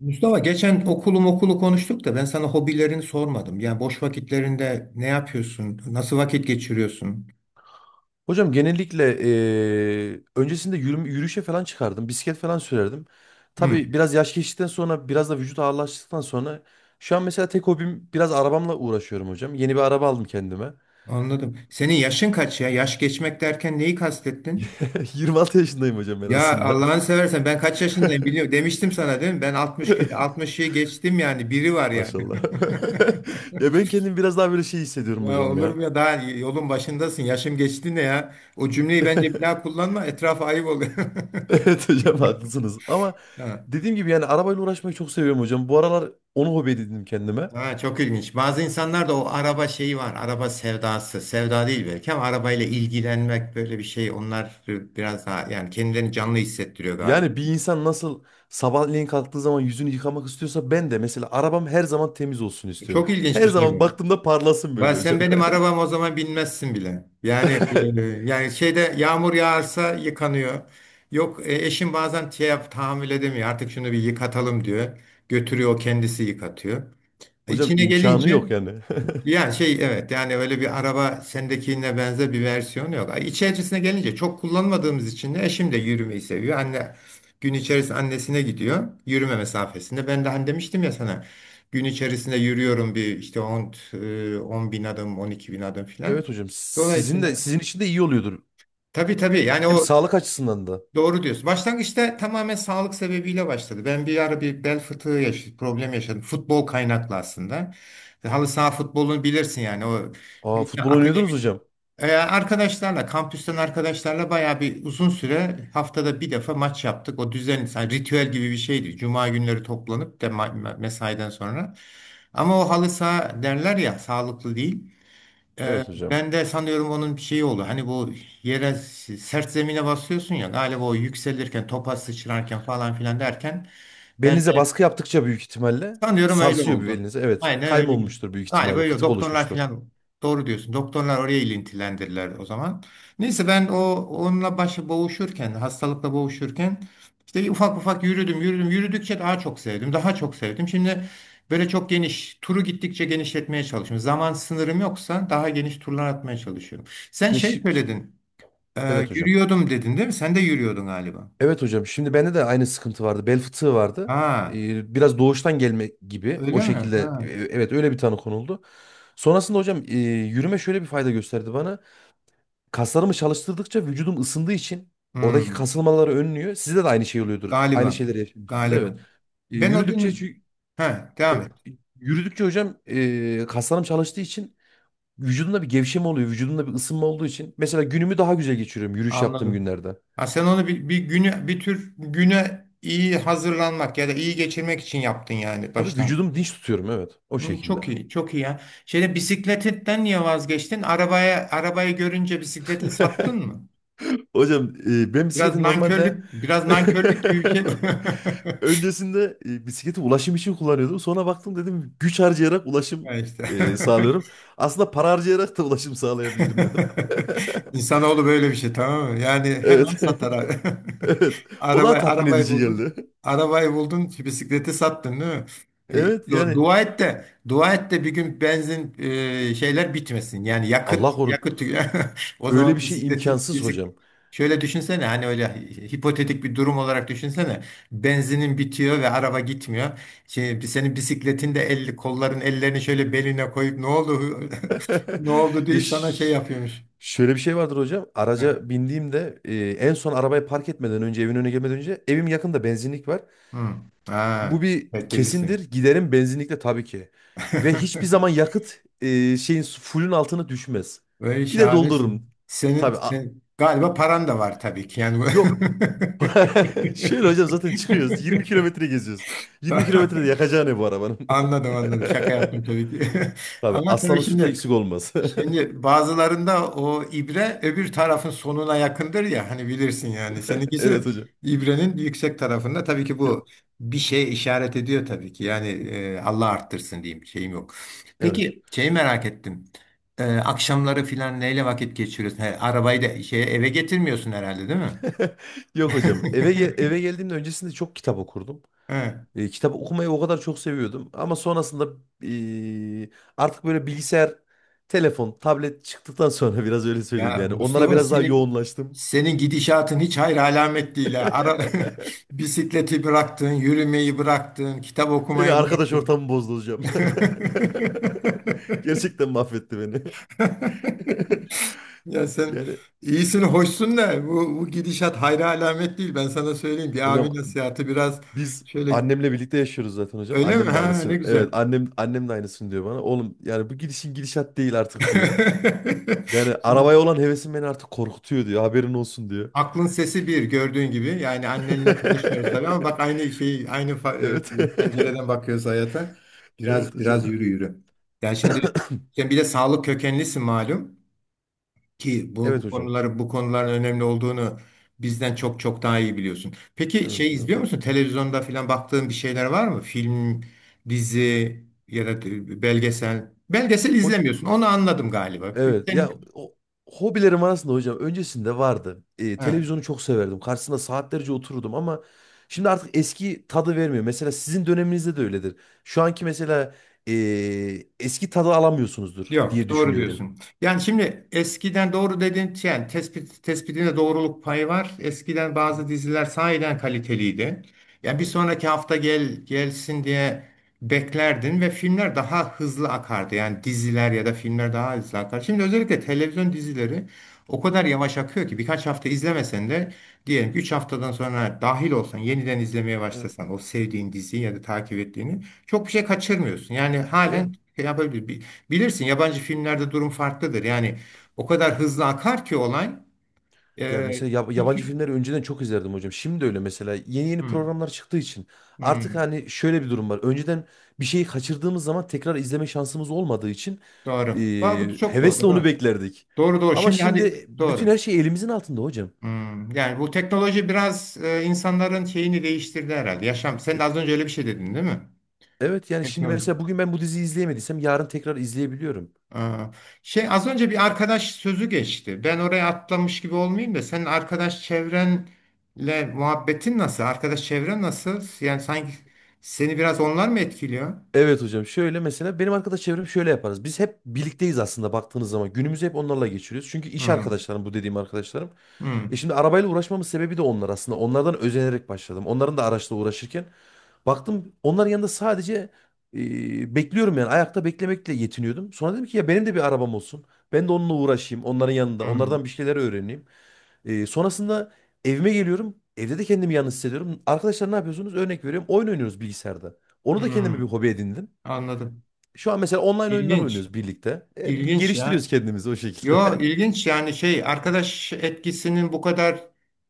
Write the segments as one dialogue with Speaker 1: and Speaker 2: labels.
Speaker 1: Mustafa, geçen okulu konuştuk da ben sana hobilerini sormadım. Yani boş vakitlerinde ne yapıyorsun? Nasıl vakit geçiriyorsun?
Speaker 2: Hocam genellikle öncesinde yürüyüşe falan çıkardım. Bisiklet falan sürerdim.
Speaker 1: Hı,
Speaker 2: Tabii biraz yaş geçtikten sonra biraz da vücut ağırlaştıktan sonra şu an mesela tek hobim biraz arabamla uğraşıyorum hocam. Yeni bir araba aldım kendime.
Speaker 1: anladım. Senin yaşın kaç ya? Yaş geçmek derken neyi kastettin?
Speaker 2: 26 yaşındayım hocam ben
Speaker 1: Ya
Speaker 2: aslında.
Speaker 1: Allah'ını seversen ben kaç yaşındayım biliyorum. Demiştim sana değil mi? Ben 60'ı geçtim yani. Biri var yani.
Speaker 2: Maşallah. Ya ben kendim biraz daha böyle şey hissediyorum
Speaker 1: Ya
Speaker 2: hocam
Speaker 1: olur
Speaker 2: ya.
Speaker 1: mu ya? Daha yolun başındasın. Yaşım geçti ne ya? O cümleyi bence bir daha kullanma. Etrafa ayıp oluyor.
Speaker 2: Evet hocam haklısınız. Ama dediğim gibi yani arabayla uğraşmayı çok seviyorum hocam. Bu aralar onu hobi edindim kendime.
Speaker 1: Ha, çok ilginç. Bazı insanlarda o araba şeyi var. Araba sevdası. Sevda değil belki ama arabayla ilgilenmek böyle bir şey. Onlar biraz daha yani kendilerini canlı hissettiriyor galiba.
Speaker 2: Yani bir insan nasıl sabahleyin kalktığı zaman yüzünü yıkamak istiyorsa ben de mesela arabam her zaman temiz olsun istiyorum.
Speaker 1: Çok ilginç bir
Speaker 2: Her
Speaker 1: şey
Speaker 2: zaman
Speaker 1: bu.
Speaker 2: baktığımda parlasın
Speaker 1: Ben,
Speaker 2: böyle
Speaker 1: sen
Speaker 2: hocam.
Speaker 1: benim arabam, o zaman binmezsin bile. Yani şeyde yağmur yağarsa yıkanıyor. Yok, eşim bazen tahammül edemiyor. Artık şunu bir yıkatalım diyor. Götürüyor, o kendisi yıkatıyor.
Speaker 2: Hocam
Speaker 1: İçine
Speaker 2: imkanı yok
Speaker 1: gelince
Speaker 2: yani.
Speaker 1: ya şey evet yani öyle bir araba sendekine benzer bir versiyon yok. Ay. İçerisine gelince çok kullanmadığımız için de eşim de yürümeyi seviyor. Gün içerisinde annesine gidiyor yürüme mesafesinde. Ben de hani demiştim ya sana gün içerisinde yürüyorum bir işte 10 bin adım 12 bin adım filan.
Speaker 2: Evet hocam sizin de
Speaker 1: Dolayısıyla
Speaker 2: sizin için de iyi oluyordur.
Speaker 1: tabii tabii, yani
Speaker 2: Hem
Speaker 1: o
Speaker 2: sağlık açısından da.
Speaker 1: doğru diyorsun. Başlangıçta tamamen sağlık sebebiyle başladı. Ben bir ara bir bel fıtığı yaşadım, problem yaşadım. Futbol kaynaklı aslında. Halı saha futbolunu bilirsin, yani o
Speaker 2: Aa,
Speaker 1: bir-
Speaker 2: futbol oynuyordunuz hocam.
Speaker 1: arkadaşlarla, kampüsten arkadaşlarla bayağı bir uzun süre haftada bir defa maç yaptık. O düzen, yani ritüel gibi bir şeydi. Cuma günleri toplanıp de mesaiden sonra. Ama o halı saha derler ya, sağlıklı değil. Ee,
Speaker 2: Evet hocam.
Speaker 1: Ben de sanıyorum onun bir şeyi oldu. Hani bu yere sert zemine basıyorsun ya, galiba o yükselirken, topa sıçrarken falan filan derken ben
Speaker 2: Belinize baskı yaptıkça büyük ihtimalle
Speaker 1: sanıyorum öyle
Speaker 2: sarsıyor bir
Speaker 1: oldu.
Speaker 2: belinize. Evet,
Speaker 1: Aynen
Speaker 2: kayma
Speaker 1: öyle bir.
Speaker 2: olmuştur büyük
Speaker 1: Galiba
Speaker 2: ihtimalle,
Speaker 1: öyle.
Speaker 2: fıtık
Speaker 1: Doktorlar
Speaker 2: oluşmuştur.
Speaker 1: falan doğru diyorsun. Doktorlar oraya ilintilendirdiler o zaman. Neyse ben o onunla başı boğuşurken, hastalıkla boğuşurken işte ufak ufak yürüdüm, yürüdüm. Yürüdükçe daha çok sevdim, daha çok sevdim. Şimdi böyle çok geniş, turu gittikçe genişletmeye çalışıyorum. Zaman sınırım yoksa daha geniş turlar atmaya çalışıyorum. Sen
Speaker 2: Ya
Speaker 1: şey
Speaker 2: şi-
Speaker 1: söyledin,
Speaker 2: evet hocam.
Speaker 1: yürüyordum dedin değil mi? Sen de yürüyordun galiba.
Speaker 2: Evet hocam. Şimdi bende de aynı sıkıntı vardı. Bel fıtığı vardı.
Speaker 1: Ha,
Speaker 2: Biraz doğuştan gelme gibi. O
Speaker 1: öyle mi?
Speaker 2: şekilde
Speaker 1: Ha.
Speaker 2: evet öyle bir tanı konuldu. Sonrasında hocam yürüme şöyle bir fayda gösterdi bana. Kaslarımı çalıştırdıkça vücudum ısındığı için oradaki
Speaker 1: Hmm.
Speaker 2: kasılmaları önlüyor. Sizde de aynı şey oluyordur. Aynı
Speaker 1: Galiba.
Speaker 2: şeyleri yaşamışsınızdır.
Speaker 1: Galiba.
Speaker 2: Evet. E,
Speaker 1: Ben o
Speaker 2: yürüdükçe
Speaker 1: dönem.
Speaker 2: çünkü-
Speaker 1: He,
Speaker 2: e,
Speaker 1: devam et.
Speaker 2: yürüdükçe hocam kaslarım çalıştığı için vücudumda bir gevşeme oluyor. Vücudumda bir ısınma olduğu için. Mesela günümü daha güzel geçiriyorum yürüyüş yaptığım
Speaker 1: Anladım.
Speaker 2: günlerde.
Speaker 1: Ha, sen onu bir, bir güne bir tür güne iyi hazırlanmak ya da iyi geçirmek için yaptın yani
Speaker 2: Tabii
Speaker 1: baştan.
Speaker 2: vücudumu dinç tutuyorum, evet. O
Speaker 1: Hı, çok
Speaker 2: şekilde.
Speaker 1: iyi, çok iyi ya. Şeyde bisikletten niye vazgeçtin? Arabaya arabayı görünce bisikleti sattın mı?
Speaker 2: Hocam, ben
Speaker 1: Biraz
Speaker 2: bisikleti normalde
Speaker 1: nankörlük, biraz nankörlük gibi bir şey bu.
Speaker 2: öncesinde bisikleti ulaşım için kullanıyordum. Sonra baktım dedim güç harcayarak ulaşım
Speaker 1: Ya işte.
Speaker 2: sağlıyorum. Aslında para harcayarak da ulaşım sağlayabilirim dedim.
Speaker 1: İnsanoğlu böyle bir şey, tamam mı? Yani hemen
Speaker 2: Evet.
Speaker 1: satar.
Speaker 2: Evet. O
Speaker 1: Araba,
Speaker 2: daha tatmin
Speaker 1: arabayı
Speaker 2: edici
Speaker 1: buldun.
Speaker 2: geldi.
Speaker 1: Arabayı buldun, bisikleti sattın değil mi? E,
Speaker 2: Evet yani
Speaker 1: Dua et de, dua et de bir gün benzin, şeyler bitmesin. Yani yakıt,
Speaker 2: Allah korusun.
Speaker 1: yakıt. O
Speaker 2: Öyle
Speaker 1: zaman
Speaker 2: bir şey
Speaker 1: bisikletin
Speaker 2: imkansız hocam.
Speaker 1: Şöyle düşünsene, hani öyle hipotetik bir durum olarak düşünsene. Benzinin bitiyor ve araba gitmiyor. Şey, senin bisikletin de elli ellerini şöyle beline koyup ne oldu? Ne oldu
Speaker 2: Ya
Speaker 1: deyip sana şey
Speaker 2: ş-
Speaker 1: yapıyormuş.
Speaker 2: şöyle bir şey vardır hocam.
Speaker 1: Ha.
Speaker 2: Araca bindiğimde en son arabayı park etmeden önce evin önüne gelmeden önce evim yakında benzinlik var.
Speaker 1: Hı.
Speaker 2: Bu
Speaker 1: Ha.
Speaker 2: bir kesindir.
Speaker 1: Tedbirlisin.
Speaker 2: Giderim benzinlikle tabii ki. Ve hiçbir zaman yakıt şeyin fullün altına düşmez.
Speaker 1: Böyle
Speaker 2: Gide doldururum.
Speaker 1: şahanesin. Senin,
Speaker 2: Tabii. a-
Speaker 1: sen, galiba paran da var tabii ki. Yani
Speaker 2: yok. Şöyle hocam zaten çıkıyoruz. 20 kilometre geziyoruz. 20
Speaker 1: Ta-
Speaker 2: kilometrede yakacağı ne bu arabanın?
Speaker 1: Anladım, anladım. Şaka yaptım tabii ki.
Speaker 2: Tabii
Speaker 1: Ama tabii
Speaker 2: aslanın sütü
Speaker 1: şimdi
Speaker 2: eksik olmaz.
Speaker 1: şimdi bazılarında o ibre öbür tarafın sonuna yakındır ya, hani bilirsin yani. Seninkisi
Speaker 2: Evet hocam.
Speaker 1: ibrenin yüksek tarafında, tabii ki bu
Speaker 2: Yok.
Speaker 1: bir şeye işaret ediyor tabii ki. Yani Allah arttırsın diyeyim şeyim yok.
Speaker 2: Evet.
Speaker 1: Peki şeyi merak ettim. Akşamları filan neyle vakit geçiriyorsun? He, arabayı da şey eve getirmiyorsun herhalde değil mi?
Speaker 2: Yok hocam. Eve geldiğimde öncesinde çok kitap okurdum.
Speaker 1: He.
Speaker 2: Kitap okumayı o kadar çok seviyordum. Ama sonrasında e, artık böyle bilgisayar, telefon, tablet çıktıktan sonra biraz öyle söyleyeyim
Speaker 1: Ya
Speaker 2: yani. Onlara
Speaker 1: Mustafa,
Speaker 2: biraz daha
Speaker 1: senin
Speaker 2: yoğunlaştım.
Speaker 1: senin gidişatın hiç hayır alamet değil ha. Bisikleti bıraktın, yürümeyi bıraktın, kitap
Speaker 2: Beni
Speaker 1: okumayı
Speaker 2: arkadaş
Speaker 1: bıraktın.
Speaker 2: ortamı bozdu hocam. Gerçekten mahvetti beni.
Speaker 1: Ya sen
Speaker 2: Yani
Speaker 1: iyisin, hoşsun da bu gidişat hayra alamet değil. Ben sana söyleyeyim, bir
Speaker 2: hocam
Speaker 1: abi nasihatı biraz
Speaker 2: biz
Speaker 1: şöyle.
Speaker 2: annemle birlikte yaşıyoruz zaten hocam.
Speaker 1: Öyle mi?
Speaker 2: Annem de
Speaker 1: Ha, ne
Speaker 2: aynısını. Evet,
Speaker 1: güzel.
Speaker 2: annem de aynısını diyor bana. Oğlum yani bu gidişin gidişat değil artık diyor. Yani
Speaker 1: Şimdi
Speaker 2: arabaya olan hevesim beni artık korkutuyor diyor. Haberin olsun diyor.
Speaker 1: aklın sesi bir gördüğün gibi. Yani annenle tanışmıyoruz tabii ama bak aynı şey, aynı
Speaker 2: Evet.
Speaker 1: pencereden bakıyoruz hayata.
Speaker 2: Evet
Speaker 1: Biraz
Speaker 2: hocam.
Speaker 1: yürü yürü. Yani şimdi sen bir de sağlık kökenlisin, malum ki bu, bu
Speaker 2: Evet hocam.
Speaker 1: konuları bu konuların önemli olduğunu bizden çok çok daha iyi biliyorsun. Peki
Speaker 2: Evet
Speaker 1: şey
Speaker 2: hocam.
Speaker 1: izliyor musun? Televizyonda falan baktığın bir şeyler var mı? Film, dizi ya da belgesel. Belgesel
Speaker 2: Hoc
Speaker 1: izlemiyorsun. Onu anladım galiba.
Speaker 2: evet
Speaker 1: Sen-
Speaker 2: ya o hobilerim arasında hocam öncesinde vardı.
Speaker 1: He.
Speaker 2: Televizyonu çok severdim. Karşısında saatlerce otururdum ama şimdi artık eski tadı vermiyor. Mesela sizin döneminizde de öyledir. Şu anki mesela ee, eski tadı alamıyorsunuzdur
Speaker 1: Yok,
Speaker 2: diye
Speaker 1: doğru
Speaker 2: düşünüyorum.
Speaker 1: diyorsun. Yani şimdi eskiden doğru dedin, yani tespit, tespitinde doğruluk payı var. Eskiden bazı
Speaker 2: Hı,
Speaker 1: diziler sahiden kaliteliydi. Yani bir
Speaker 2: evet.
Speaker 1: sonraki hafta gel gelsin diye beklerdin ve filmler daha hızlı akardı. Yani diziler ya da filmler daha hızlı akar. Şimdi özellikle televizyon dizileri o kadar yavaş akıyor ki birkaç hafta izlemesen de, diyelim 3 haftadan sonra dahil olsan, yeniden izlemeye
Speaker 2: Evet.
Speaker 1: başlasan o sevdiğin diziyi ya da takip ettiğini çok bir şey kaçırmıyorsun. Yani
Speaker 2: Evet.
Speaker 1: halen şey yapabilir. Bilirsin, yabancı filmlerde durum farklıdır. Yani o kadar hızlı akar ki olay.
Speaker 2: Ya
Speaker 1: E,
Speaker 2: mesela yabancı
Speaker 1: iki,
Speaker 2: filmleri önceden çok izlerdim hocam. Şimdi öyle mesela yeni yeni
Speaker 1: Hmm,
Speaker 2: programlar çıktığı için artık
Speaker 1: hmm,
Speaker 2: hani şöyle bir durum var. Önceden bir şeyi kaçırdığımız zaman tekrar izleme şansımız olmadığı için e,
Speaker 1: doğru. Aa, bu çok
Speaker 2: hevesle
Speaker 1: doğru.
Speaker 2: onu
Speaker 1: Doğru.
Speaker 2: beklerdik.
Speaker 1: Doğru doğru.
Speaker 2: Ama
Speaker 1: Şimdi hadi
Speaker 2: şimdi bütün
Speaker 1: doğru.
Speaker 2: her şey elimizin altında hocam.
Speaker 1: Hmm, yani bu teknoloji biraz insanların şeyini değiştirdi herhalde. Yaşam. Sen
Speaker 2: E,
Speaker 1: de az önce öyle bir şey dedin değil mi?
Speaker 2: Evet yani şimdi
Speaker 1: Teknoloji.
Speaker 2: mesela bugün ben bu diziyi izleyemediysem yarın tekrar izleyebiliyorum.
Speaker 1: Aa, şey az önce bir arkadaş sözü geçti. Ben oraya atlamış gibi olmayayım da senin arkadaş çevrenle muhabbetin nasıl? Arkadaş çevren nasıl? Yani sanki seni biraz onlar mı etkiliyor?
Speaker 2: Evet hocam şöyle mesela benim arkadaş çevrem şöyle yaparız. Biz hep birlikteyiz aslında baktığınız zaman. Günümüzü hep onlarla geçiriyoruz. Çünkü iş
Speaker 1: Hmm,
Speaker 2: arkadaşlarım bu dediğim arkadaşlarım.
Speaker 1: hmm,
Speaker 2: E şimdi arabayla uğraşmamın sebebi de onlar aslında. Onlardan özenerek başladım. Onların da araçla uğraşırken baktım onların yanında sadece bekliyorum yani ayakta beklemekle yetiniyordum. Sonra dedim ki ya benim de bir arabam olsun. Ben de onunla uğraşayım onların yanında.
Speaker 1: hmm,
Speaker 2: Onlardan bir şeyler öğreneyim. Sonrasında evime geliyorum. Evde de kendimi yalnız hissediyorum. Arkadaşlar ne yapıyorsunuz? Örnek veriyorum. Oyun oynuyoruz bilgisayarda. Onu da kendime bir
Speaker 1: hmm.
Speaker 2: hobi edindim.
Speaker 1: Anladım.
Speaker 2: Şu an mesela online oyunlar
Speaker 1: İlginç.
Speaker 2: oynuyoruz birlikte.
Speaker 1: İlginç
Speaker 2: Geliştiriyoruz
Speaker 1: ya.
Speaker 2: kendimizi o
Speaker 1: Yo
Speaker 2: şekilde.
Speaker 1: ilginç, yani şey arkadaş etkisinin bu kadar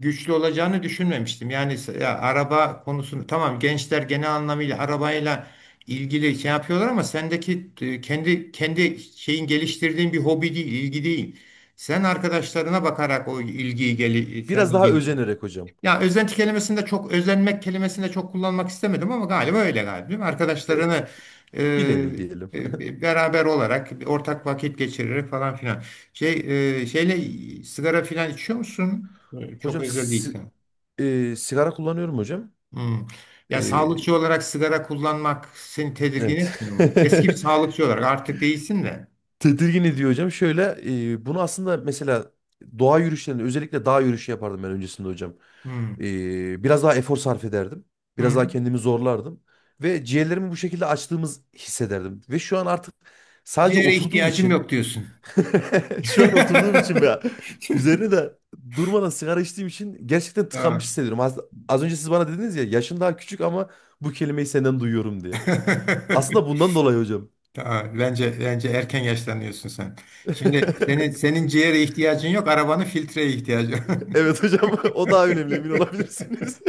Speaker 1: güçlü olacağını düşünmemiştim. Yani ya, araba konusunu tamam, gençler genel anlamıyla arabayla ilgili şey yapıyorlar ama sendeki kendi şeyin geliştirdiğin bir hobi değil, ilgi değil. Sen arkadaşlarına bakarak o ilgiyi sen
Speaker 2: Biraz
Speaker 1: de
Speaker 2: daha
Speaker 1: geliş.
Speaker 2: özenerek hocam.
Speaker 1: Ya özenti kelimesinde çok özenmek kelimesinde çok kullanmak istemedim ama galiba öyle, galiba değil mi?
Speaker 2: E,
Speaker 1: Arkadaşlarını
Speaker 2: bir nevi
Speaker 1: e,
Speaker 2: diyelim.
Speaker 1: beraber olarak ortak vakit geçirerek falan filan. Şey, şeyle sigara filan içiyor musun?
Speaker 2: Hocam
Speaker 1: Çok özel
Speaker 2: si-
Speaker 1: değilsen.
Speaker 2: sigara kullanıyorum hocam.
Speaker 1: Hmm. Ya sağlıkçı
Speaker 2: E,
Speaker 1: olarak sigara kullanmak seni tedirgin
Speaker 2: evet.
Speaker 1: etmiyor mu? Eski bir sağlıkçı olarak artık değilsin de.
Speaker 2: Tedirgin ediyor hocam. Şöyle bunu aslında mesela doğa yürüyüşlerinde özellikle dağ yürüyüşü yapardım ben öncesinde hocam.
Speaker 1: Hmm.
Speaker 2: Biraz daha efor sarf ederdim. Biraz daha
Speaker 1: Hmm.
Speaker 2: kendimi zorlardım. Ve ciğerlerimi bu şekilde açtığımız hissederdim. Ve şu an artık sadece
Speaker 1: Ciğere
Speaker 2: oturduğum
Speaker 1: ihtiyacım
Speaker 2: için
Speaker 1: yok diyorsun.
Speaker 2: şu an oturduğum için veya üzerine de durmadan sigara içtiğim için gerçekten tıkanmış
Speaker 1: Ha.
Speaker 2: hissediyorum. Az önce siz bana dediniz ya yaşın daha küçük ama bu kelimeyi senden duyuyorum diye. Aslında bundan dolayı hocam.
Speaker 1: Aa, bence erken yaşlanıyorsun sen. Şimdi senin senin ciğere ihtiyacın yok, arabanın filtreye ihtiyacı var.
Speaker 2: Evet hocam o daha önemli, emin olabilirsiniz.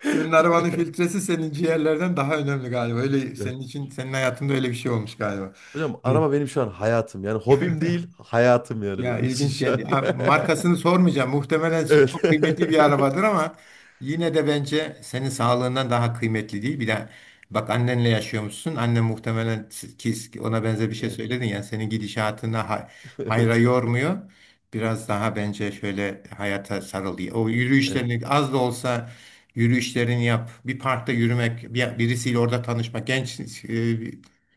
Speaker 1: Senin arabanın filtresi senin ciğerlerden daha önemli galiba. Öyle,
Speaker 2: Ya,
Speaker 1: senin için senin hayatında öyle bir şey olmuş galiba.
Speaker 2: hocam araba benim şu an hayatım. Yani hobim değil, hayatım yani
Speaker 1: Ya
Speaker 2: benim için
Speaker 1: ilginç
Speaker 2: şu
Speaker 1: yani.
Speaker 2: an.
Speaker 1: Ya, markasını sormayacağım. Muhtemelen
Speaker 2: Evet.
Speaker 1: çok kıymetli bir arabadır ama yine de bence senin sağlığından daha kıymetli değil. Bir de bak, annenle yaşıyormuşsun. Annen muhtemelen, ki ona benzer bir şey
Speaker 2: Evet.
Speaker 1: söyledin ya, senin gidişatına hayra
Speaker 2: Evet.
Speaker 1: yormuyor. Biraz daha bence şöyle hayata sarıl diye. O
Speaker 2: Evet.
Speaker 1: yürüyüşlerini az da olsa yürüyüşlerini yap. Bir parkta yürümek, birisiyle orada tanışmak. Genç e,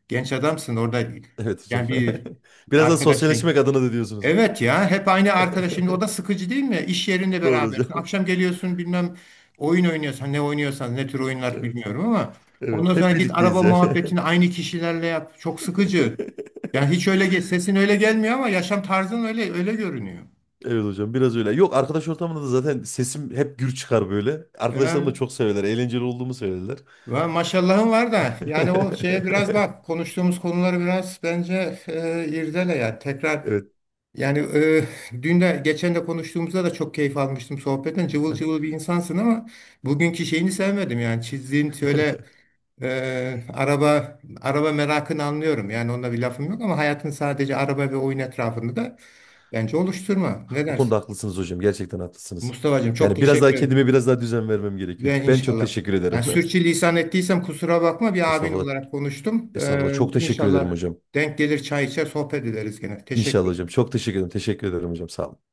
Speaker 1: genç adamsın orada
Speaker 2: Evet hocam.
Speaker 1: yani bir
Speaker 2: Biraz da sosyalleşmek
Speaker 1: arkadaşın.
Speaker 2: adına da diyorsunuz.
Speaker 1: Evet ya, hep aynı arkadaş şimdi o da sıkıcı değil mi? İş yerinde, evet,
Speaker 2: Doğru
Speaker 1: berabersin.
Speaker 2: hocam.
Speaker 1: Akşam geliyorsun, bilmem oyun oynuyorsan ne oynuyorsan ne tür oyunlar
Speaker 2: Evet.
Speaker 1: bilmiyorum ama ondan
Speaker 2: Evet.
Speaker 1: sonra
Speaker 2: Hep
Speaker 1: git araba
Speaker 2: birlikteyiz yani.
Speaker 1: muhabbetini aynı kişilerle yap. Çok sıkıcı. Yani hiç öyle sesin öyle gelmiyor ama yaşam tarzın öyle öyle görünüyor.
Speaker 2: Evet hocam biraz öyle. Yok, arkadaş ortamında da zaten sesim hep gür çıkar böyle. Arkadaşlarım da
Speaker 1: Ya,
Speaker 2: çok severler. Eğlenceli olduğumu söylerler.
Speaker 1: maşallahın var da yani o şeye biraz bak, konuştuğumuz konuları biraz bence irdele ya tekrar.
Speaker 2: Evet.
Speaker 1: Yani dün de geçen de konuştuğumuzda da çok keyif almıştım sohbetten. Cıvıl
Speaker 2: Aha.
Speaker 1: cıvıl bir insansın ama bugünkü şeyini sevmedim yani çizdiğin şöyle araba merakını anlıyorum. Yani onunla bir lafım yok ama hayatın sadece araba ve oyun etrafında da bence oluşturma. Ne
Speaker 2: Bu
Speaker 1: dersin?
Speaker 2: konuda haklısınız hocam. Gerçekten haklısınız.
Speaker 1: Mustafa'cığım, çok
Speaker 2: Yani biraz daha
Speaker 1: teşekkür ederim
Speaker 2: kendime biraz daha düzen vermem gerekiyor.
Speaker 1: ve
Speaker 2: Ben çok
Speaker 1: inşallah.
Speaker 2: teşekkür
Speaker 1: Yani
Speaker 2: ederim.
Speaker 1: sürçülisan ettiysem kusura bakma, bir abin
Speaker 2: Estağfurullah.
Speaker 1: olarak konuştum.
Speaker 2: Estağfurullah. Çok teşekkür ederim
Speaker 1: İnşallah
Speaker 2: hocam.
Speaker 1: denk gelir, çay içer sohbet ederiz gene.
Speaker 2: İnşallah hocam.
Speaker 1: Teşekkür
Speaker 2: Çok teşekkür ederim. Teşekkür ederim hocam. Sağ olun.